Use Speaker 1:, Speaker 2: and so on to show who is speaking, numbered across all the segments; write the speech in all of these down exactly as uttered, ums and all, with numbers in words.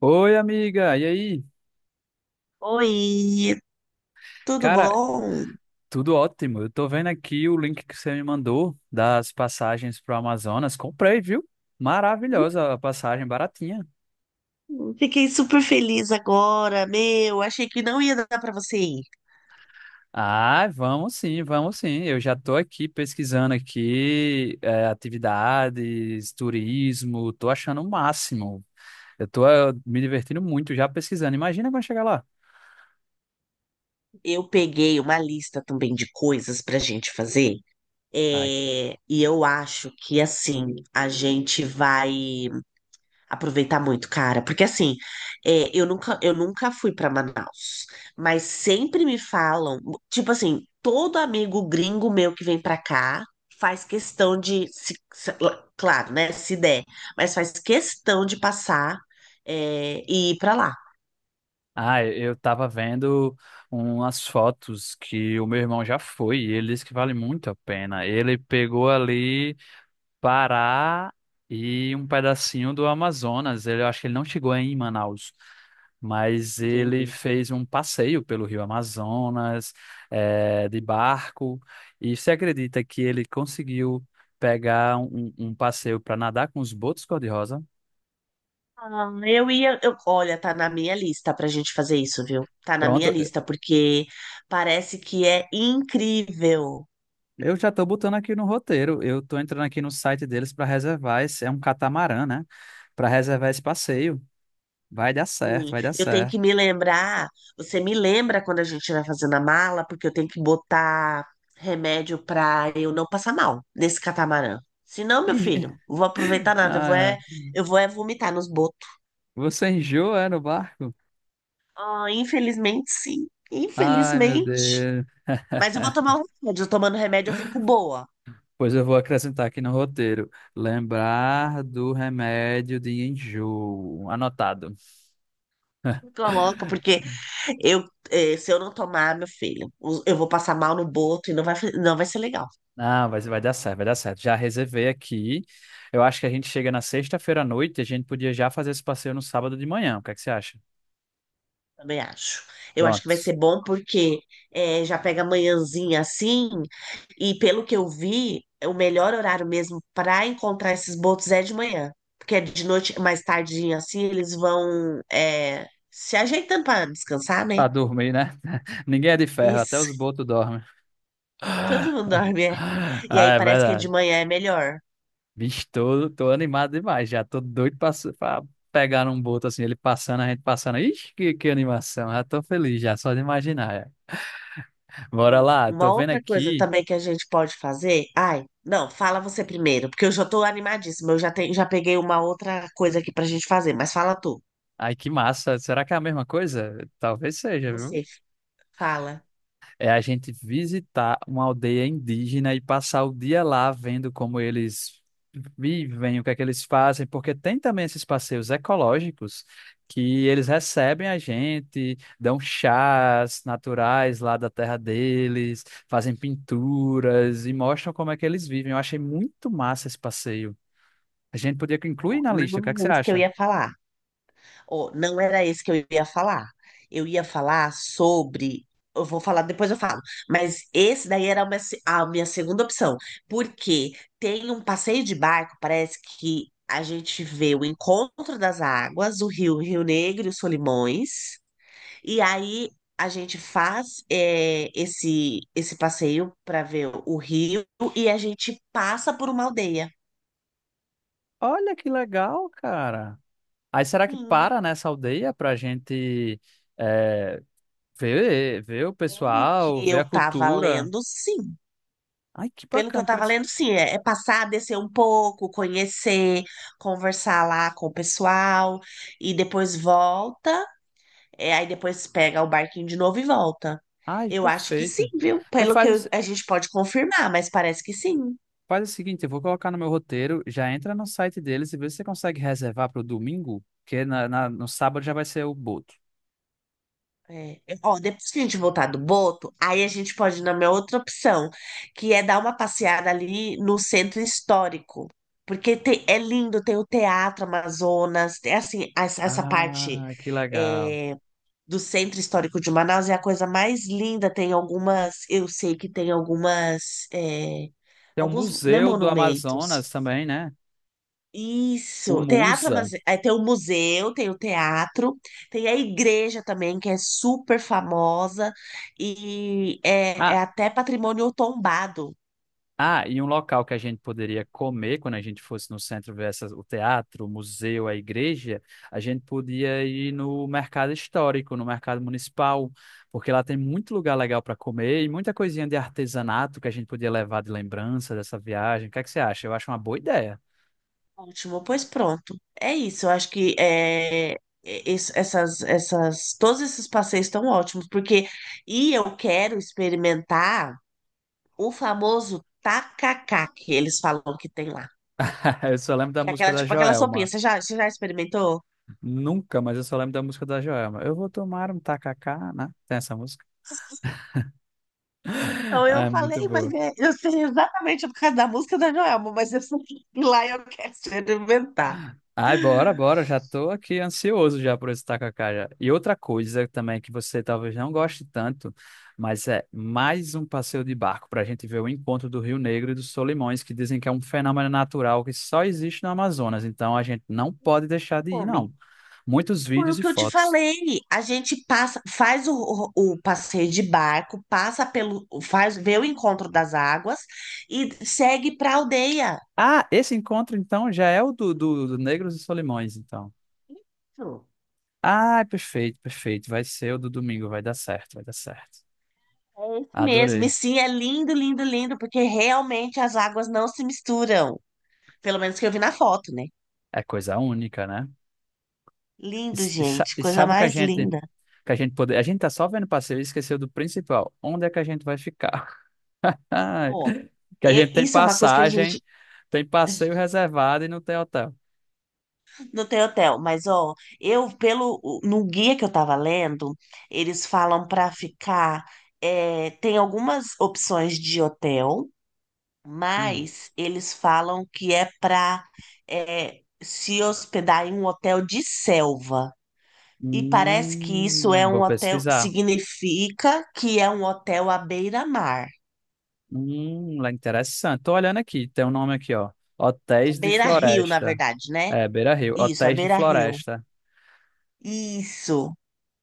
Speaker 1: Oi, amiga, e aí?
Speaker 2: Oi, tudo
Speaker 1: Cara,
Speaker 2: bom?
Speaker 1: tudo ótimo. Eu tô vendo aqui o link que você me mandou das passagens pro Amazonas. Comprei, viu? Maravilhosa a passagem, baratinha.
Speaker 2: Hum, Fiquei super feliz agora, meu. Achei que não ia dar pra você ir.
Speaker 1: Ah, vamos sim, vamos sim. Eu já tô aqui pesquisando aqui, eh, atividades, turismo, tô achando o máximo. Eu tô, eh, me divertindo muito já pesquisando. Imagina quando chegar lá.
Speaker 2: Eu peguei uma lista também de coisas pra gente fazer. É, e eu acho que assim a gente vai aproveitar muito, cara, porque assim, é, eu nunca, eu nunca fui para Manaus, mas sempre me falam, tipo assim, todo amigo gringo meu que vem para cá faz questão de, se- se- claro, né, se der, mas faz questão de passar, é, e ir para lá,
Speaker 1: Ah, eu tava vendo umas fotos que o meu irmão já foi e ele disse que vale muito a pena. Ele pegou ali Pará e um pedacinho do Amazonas. Ele, eu acho que ele não chegou aí em Manaus, mas ele
Speaker 2: entendi.
Speaker 1: fez um passeio pelo Rio Amazonas, eh, de barco. E você acredita que ele conseguiu pegar um, um um passeio para nadar com os botos cor-de-rosa?
Speaker 2: Ah, Eu ia, eu, olha, tá na minha lista pra gente fazer isso, viu? Tá na minha
Speaker 1: Pronto,
Speaker 2: lista, porque parece que é incrível.
Speaker 1: eu já tô botando aqui no roteiro. Eu tô entrando aqui no site deles para reservar esse, é um catamarã, né? Para reservar esse passeio. Vai dar certo,
Speaker 2: Sim,
Speaker 1: vai dar
Speaker 2: eu tenho
Speaker 1: certo.
Speaker 2: que me lembrar. Você me lembra quando a gente vai fazendo a mala, porque eu tenho que botar remédio pra eu não passar mal nesse catamarã. Senão meu
Speaker 1: Enjo-
Speaker 2: filho, não vou aproveitar nada. Eu vou
Speaker 1: Ah,
Speaker 2: é,
Speaker 1: é.
Speaker 2: eu vou é vomitar nos botos.
Speaker 1: Você enjoa, é, no barco?
Speaker 2: Ah, infelizmente, sim.
Speaker 1: Ai, meu
Speaker 2: Infelizmente.
Speaker 1: Deus.
Speaker 2: Mas eu vou tomar um remédio. Eu tomando remédio, eu fico boa.
Speaker 1: Pois eu vou acrescentar aqui no roteiro. Lembrar do remédio de enjoo. Anotado.
Speaker 2: Fico louca, porque eu, eh, se eu não tomar, meu filho, eu vou passar mal no boto e não vai, não vai ser legal.
Speaker 1: Ah, vai, vai dar certo, vai dar certo. Já reservei aqui. Eu acho que a gente chega na sexta-feira à noite. A gente podia já fazer esse passeio no sábado de manhã. O que é que você acha?
Speaker 2: Também acho. Eu acho que vai
Speaker 1: Pronto.
Speaker 2: ser bom porque é já pega manhãzinha assim, e pelo que eu vi, o melhor horário mesmo para encontrar esses botos é de manhã. Porque é de noite, mais tardinha assim, eles vão é se ajeitando para descansar, né?
Speaker 1: Pra dormir, né? Ninguém é de ferro, até os
Speaker 2: Isso.
Speaker 1: botos dormem.
Speaker 2: Todo mundo dorme, é.
Speaker 1: Ah,
Speaker 2: E aí
Speaker 1: é
Speaker 2: parece que de
Speaker 1: verdade.
Speaker 2: manhã é melhor.
Speaker 1: Bicho, tô, tô animado demais já. Tô doido pra, su- pra pegar num boto assim, ele passando, a gente passando. Ixi, que, que animação. Já tô feliz já, só de imaginar. Já. Bora
Speaker 2: Ó,
Speaker 1: lá, tô
Speaker 2: uma
Speaker 1: vendo
Speaker 2: outra coisa
Speaker 1: aqui.
Speaker 2: também que a gente pode fazer. Ai, não, fala você primeiro, porque eu já tô animadíssima. Eu já tenho, já peguei uma outra coisa aqui pra gente fazer, mas fala tu.
Speaker 1: Ai, que massa. Será que é a mesma coisa? Talvez seja, viu?
Speaker 2: Você fala,
Speaker 1: É a gente visitar uma aldeia indígena e passar o dia lá vendo como eles vivem, o que é que eles fazem, porque tem também esses passeios ecológicos que eles recebem a gente, dão chás naturais lá da terra deles, fazem pinturas e mostram como é que eles vivem. Eu achei muito massa esse passeio. A gente podia incluir
Speaker 2: "Ó,
Speaker 1: na lista, o que é que
Speaker 2: não é
Speaker 1: você
Speaker 2: isso que eu
Speaker 1: acha?
Speaker 2: ia falar. Ou não era isso que eu ia falar. Eu ia falar sobre. Eu vou falar, depois eu falo. Mas esse daí era a minha, se- a minha segunda opção. Porque tem um passeio de barco, parece que a gente vê o encontro das águas, o rio, Rio Negro e os Solimões. E aí a gente faz eh, esse, esse passeio para ver o rio e a gente passa por uma aldeia.
Speaker 1: Olha que legal, cara. Aí será que
Speaker 2: Sim.
Speaker 1: para nessa aldeia pra gente. eh, Vê, vê o
Speaker 2: Pelo
Speaker 1: pessoal,
Speaker 2: que
Speaker 1: vê
Speaker 2: eu
Speaker 1: a
Speaker 2: tava
Speaker 1: cultura.
Speaker 2: lendo, sim.
Speaker 1: Ai, que
Speaker 2: Pelo que eu
Speaker 1: bacana,
Speaker 2: tava
Speaker 1: pois.
Speaker 2: lendo, sim. É, é passar, descer um pouco, conhecer, conversar lá com o pessoal, e depois volta, é, aí depois pega o barquinho de novo e volta.
Speaker 1: Ai,
Speaker 2: Eu acho que sim,
Speaker 1: perfeito.
Speaker 2: viu?
Speaker 1: Pois
Speaker 2: Pelo que
Speaker 1: faz,
Speaker 2: eu-
Speaker 1: o-
Speaker 2: a gente pode confirmar, mas parece que sim.
Speaker 1: faz o seguinte, eu vou colocar no meu roteiro, já entra no site deles e vê se você consegue reservar para o domingo, porque na, na- no sábado já vai ser o boto.
Speaker 2: É. Ó, depois que a gente voltar do Boto, aí a gente pode ir na minha outra opção, que é dar uma passeada ali no centro histórico. Porque tem- é lindo, tem o Teatro Amazonas, é assim, essa, essa parte
Speaker 1: Ah, que legal.
Speaker 2: é, do centro histórico de Manaus é a coisa mais linda. Tem algumas, eu sei que tem algumas, é,
Speaker 1: Tem o
Speaker 2: alguns, né,
Speaker 1: Museu do
Speaker 2: monumentos.
Speaker 1: Amazonas também, né? O
Speaker 2: Isso, teatro, amaz-
Speaker 1: Musa.
Speaker 2: é, tem o museu, tem o teatro, tem a igreja também, que é super famosa e é, é
Speaker 1: Ah,
Speaker 2: até patrimônio tombado,
Speaker 1: ah, e um local que a gente poderia comer quando a gente fosse no centro ver essas- o teatro, o museu, a igreja, a gente podia ir no mercado histórico, no mercado municipal, porque lá tem muito lugar legal para comer e muita coisinha de artesanato que a gente podia levar de lembrança dessa viagem. O que é que você acha? Eu acho uma boa ideia.
Speaker 2: último, pois pronto, é isso, eu acho que é, é, es- essas, essas, todos esses passeios estão ótimos, porque, e eu quero experimentar o famoso tacacá, que eles falam que tem lá,
Speaker 1: Eu só lembro da
Speaker 2: que é
Speaker 1: música
Speaker 2: aquela,
Speaker 1: da
Speaker 2: tipo, aquela sopinha,
Speaker 1: Joelma.
Speaker 2: você já, você já experimentou?
Speaker 1: Nunca, mas eu só lembro da música da Joelma. Eu vou tomar um tacacá, né? Tem essa música?
Speaker 2: Então
Speaker 1: Ah,
Speaker 2: eu
Speaker 1: é
Speaker 2: falei,
Speaker 1: muito
Speaker 2: mas
Speaker 1: boa.
Speaker 2: é- eu sei exatamente por causa da música da Joelma, mas eu sei que lá eu quero experimentar.
Speaker 1: Ai, bora, bora. Já tô aqui ansioso já por esse tacacá já. E outra coisa também que você talvez não goste tanto, mas é mais um passeio de barco para a gente ver o encontro do Rio Negro e dos Solimões, que dizem que é um fenômeno natural que só existe no Amazonas. Então a gente não pode deixar de ir,
Speaker 2: Homem,
Speaker 1: não. Muitos
Speaker 2: foi o
Speaker 1: vídeos e
Speaker 2: que eu te
Speaker 1: fotos.
Speaker 2: falei. A gente passa, faz o, o, o passeio de barco, passa pelo, faz, vê o encontro das águas e segue para a aldeia.
Speaker 1: Ah, esse encontro então já é o do, do, do Negros e Solimões, então.
Speaker 2: Isso.
Speaker 1: Ah, perfeito, perfeito. Vai ser o do domingo, vai dar certo, vai dar certo.
Speaker 2: É isso mesmo. E
Speaker 1: Adorei.
Speaker 2: sim, é lindo, lindo, lindo, porque realmente as águas não se misturam. Pelo menos que eu vi na foto, né?
Speaker 1: É coisa única, né? E,
Speaker 2: Lindo,
Speaker 1: s- e sa-
Speaker 2: gente,
Speaker 1: e
Speaker 2: coisa
Speaker 1: sabe o que a
Speaker 2: mais
Speaker 1: gente
Speaker 2: linda.
Speaker 1: que a gente poder, a gente tá só vendo passeio e esqueceu do principal. Onde é que a gente vai ficar?
Speaker 2: Ó,
Speaker 1: Que a
Speaker 2: e-
Speaker 1: gente tem
Speaker 2: isso é uma coisa que a
Speaker 1: passagem,
Speaker 2: gente
Speaker 1: tem passeio reservado e não tem hotel.
Speaker 2: não tem hotel, mas ó, eu pelo o- no guia que eu tava lendo, eles falam para ficar, é, tem algumas opções de hotel,
Speaker 1: Hum.
Speaker 2: mas eles falam que é para se hospedar em um hotel de selva. E parece que isso é
Speaker 1: Hum,
Speaker 2: um
Speaker 1: vou
Speaker 2: hotel,
Speaker 1: pesquisar.
Speaker 2: significa que é um hotel à beira-mar,
Speaker 1: Hum, lá interessante. Tô olhando aqui, tem um nome aqui, ó.
Speaker 2: à
Speaker 1: Hotéis de
Speaker 2: beira-rio, na
Speaker 1: Floresta.
Speaker 2: verdade, né?
Speaker 1: É, Beira Rio,
Speaker 2: Isso, à
Speaker 1: Hotéis de
Speaker 2: beira-rio.
Speaker 1: Floresta.
Speaker 2: Isso.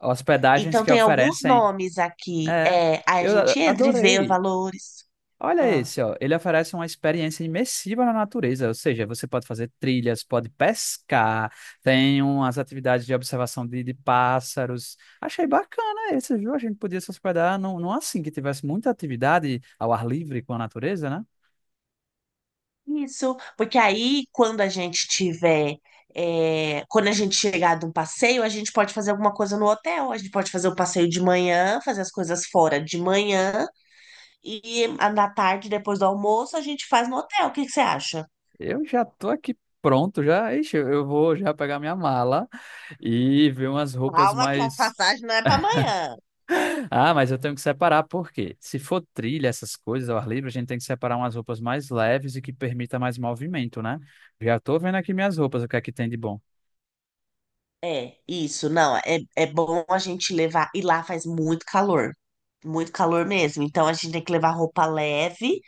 Speaker 1: Hospedagens
Speaker 2: Então,
Speaker 1: que
Speaker 2: tem alguns
Speaker 1: oferecem.
Speaker 2: nomes aqui.
Speaker 1: É,
Speaker 2: É, aí a
Speaker 1: eu a-
Speaker 2: gente entra e vê os
Speaker 1: adorei.
Speaker 2: valores.
Speaker 1: Olha
Speaker 2: Ah,
Speaker 1: esse, ó. Ele oferece uma experiência imersiva na natureza, ou seja, você pode fazer trilhas, pode pescar, tem umas atividades de observação de, de pássaros. Achei bacana esse, viu? A gente podia se hospedar num, num assim que tivesse muita atividade ao ar livre com a natureza, né?
Speaker 2: isso, porque aí, quando a gente tiver. É, quando a gente chegar de um passeio, a gente pode fazer alguma coisa no hotel. A gente pode fazer o passeio de manhã, fazer as coisas fora de manhã. E à- na tarde, depois do almoço, a gente faz no hotel. O que que você acha?
Speaker 1: Eu já tô aqui pronto, já. Ixi, eu eu vou já pegar minha mala e ver umas roupas
Speaker 2: Calma, que a
Speaker 1: mais.
Speaker 2: passagem não é para amanhã.
Speaker 1: Ah, mas eu tenho que separar, porque se for trilha, essas coisas, ao ar livre, a gente tem que separar umas roupas mais leves e que permita mais movimento, né? Já tô vendo aqui minhas roupas, o que é que tem de bom.
Speaker 2: É, isso, não, é, é bom a gente levar, e lá faz muito calor, muito calor mesmo, então a gente tem que levar roupa leve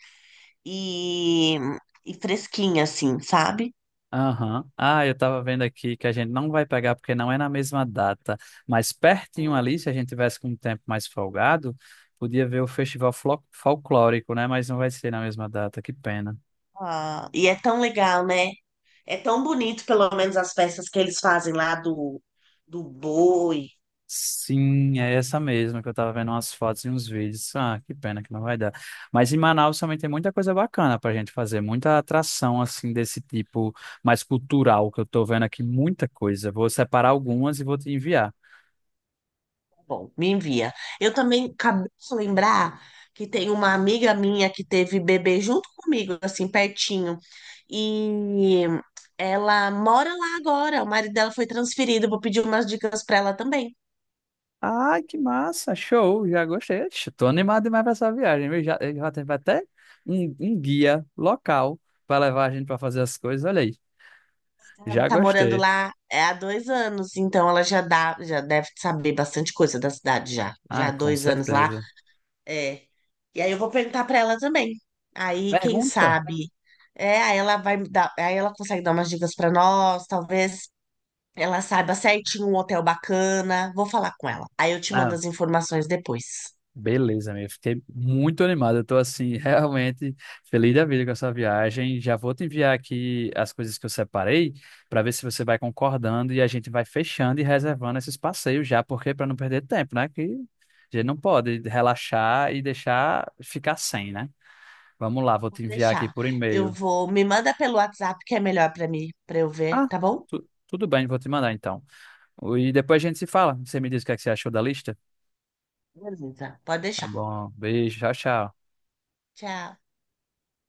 Speaker 2: e, e fresquinha, assim, sabe?
Speaker 1: Aham. Ah, eu tava vendo aqui que a gente não vai pegar porque não é na mesma data, mas pertinho
Speaker 2: Hum.
Speaker 1: ali, se a gente tivesse com um tempo mais folgado, podia ver o festival flo- folclórico, né? Mas não vai ser na mesma data, que pena.
Speaker 2: Ah, e é tão legal, né? É tão bonito, pelo menos, as festas que eles fazem lá do, do boi,
Speaker 1: Sim, é essa mesma que eu tava vendo umas fotos e uns vídeos. Ah, que pena que não vai dar. Mas em Manaus também tem muita coisa bacana pra gente fazer, muita atração assim desse tipo mais cultural que eu tô vendo aqui, muita coisa. Vou separar algumas e vou te enviar.
Speaker 2: bom, me envia. Eu também acabei de lembrar que tem uma amiga minha que teve bebê junto comigo, assim, pertinho. E ela mora lá agora. O marido dela foi transferido. Vou pedir umas dicas para ela também.
Speaker 1: Ai, que massa, show, já gostei. Ixi, tô animado demais pra essa viagem, viu? Já, já teve até um, um guia local pra levar a gente pra fazer as coisas. Olha aí,
Speaker 2: Ela
Speaker 1: já
Speaker 2: tá morando
Speaker 1: gostei.
Speaker 2: lá é, há dois anos, então ela já dá, já deve saber bastante coisa da cidade já. Já
Speaker 1: Ah,
Speaker 2: há
Speaker 1: com
Speaker 2: dois anos lá.
Speaker 1: certeza.
Speaker 2: É. E aí eu vou perguntar para ela também. Aí, quem
Speaker 1: Pergunta?
Speaker 2: sabe? É, aí ela vai dar, aí ela consegue dar umas dicas para nós, talvez ela saiba certinho um hotel bacana. Vou falar com ela. Aí eu te mando as informações depois.
Speaker 1: Beleza, amigo. Fiquei muito animado. Eu tô assim, realmente feliz da vida com essa viagem. Já vou te enviar aqui as coisas que eu separei para ver se você vai concordando e a gente vai fechando e reservando esses passeios já, porque para não perder tempo, né? Que a gente não pode relaxar e deixar ficar sem, né? Vamos lá, vou
Speaker 2: Vou
Speaker 1: te enviar aqui
Speaker 2: deixar.
Speaker 1: por
Speaker 2: Eu
Speaker 1: e-mail.
Speaker 2: vou. Me manda pelo WhatsApp que é melhor pra mim, pra eu ver,
Speaker 1: Ah,
Speaker 2: tá bom?
Speaker 1: tu- tudo bem, vou te mandar então. E depois a gente se fala. Você me diz o que é que você achou da lista?
Speaker 2: Beleza. Pode
Speaker 1: Tá
Speaker 2: deixar.
Speaker 1: bom, beijo, tchau, tchau.
Speaker 2: Tchau.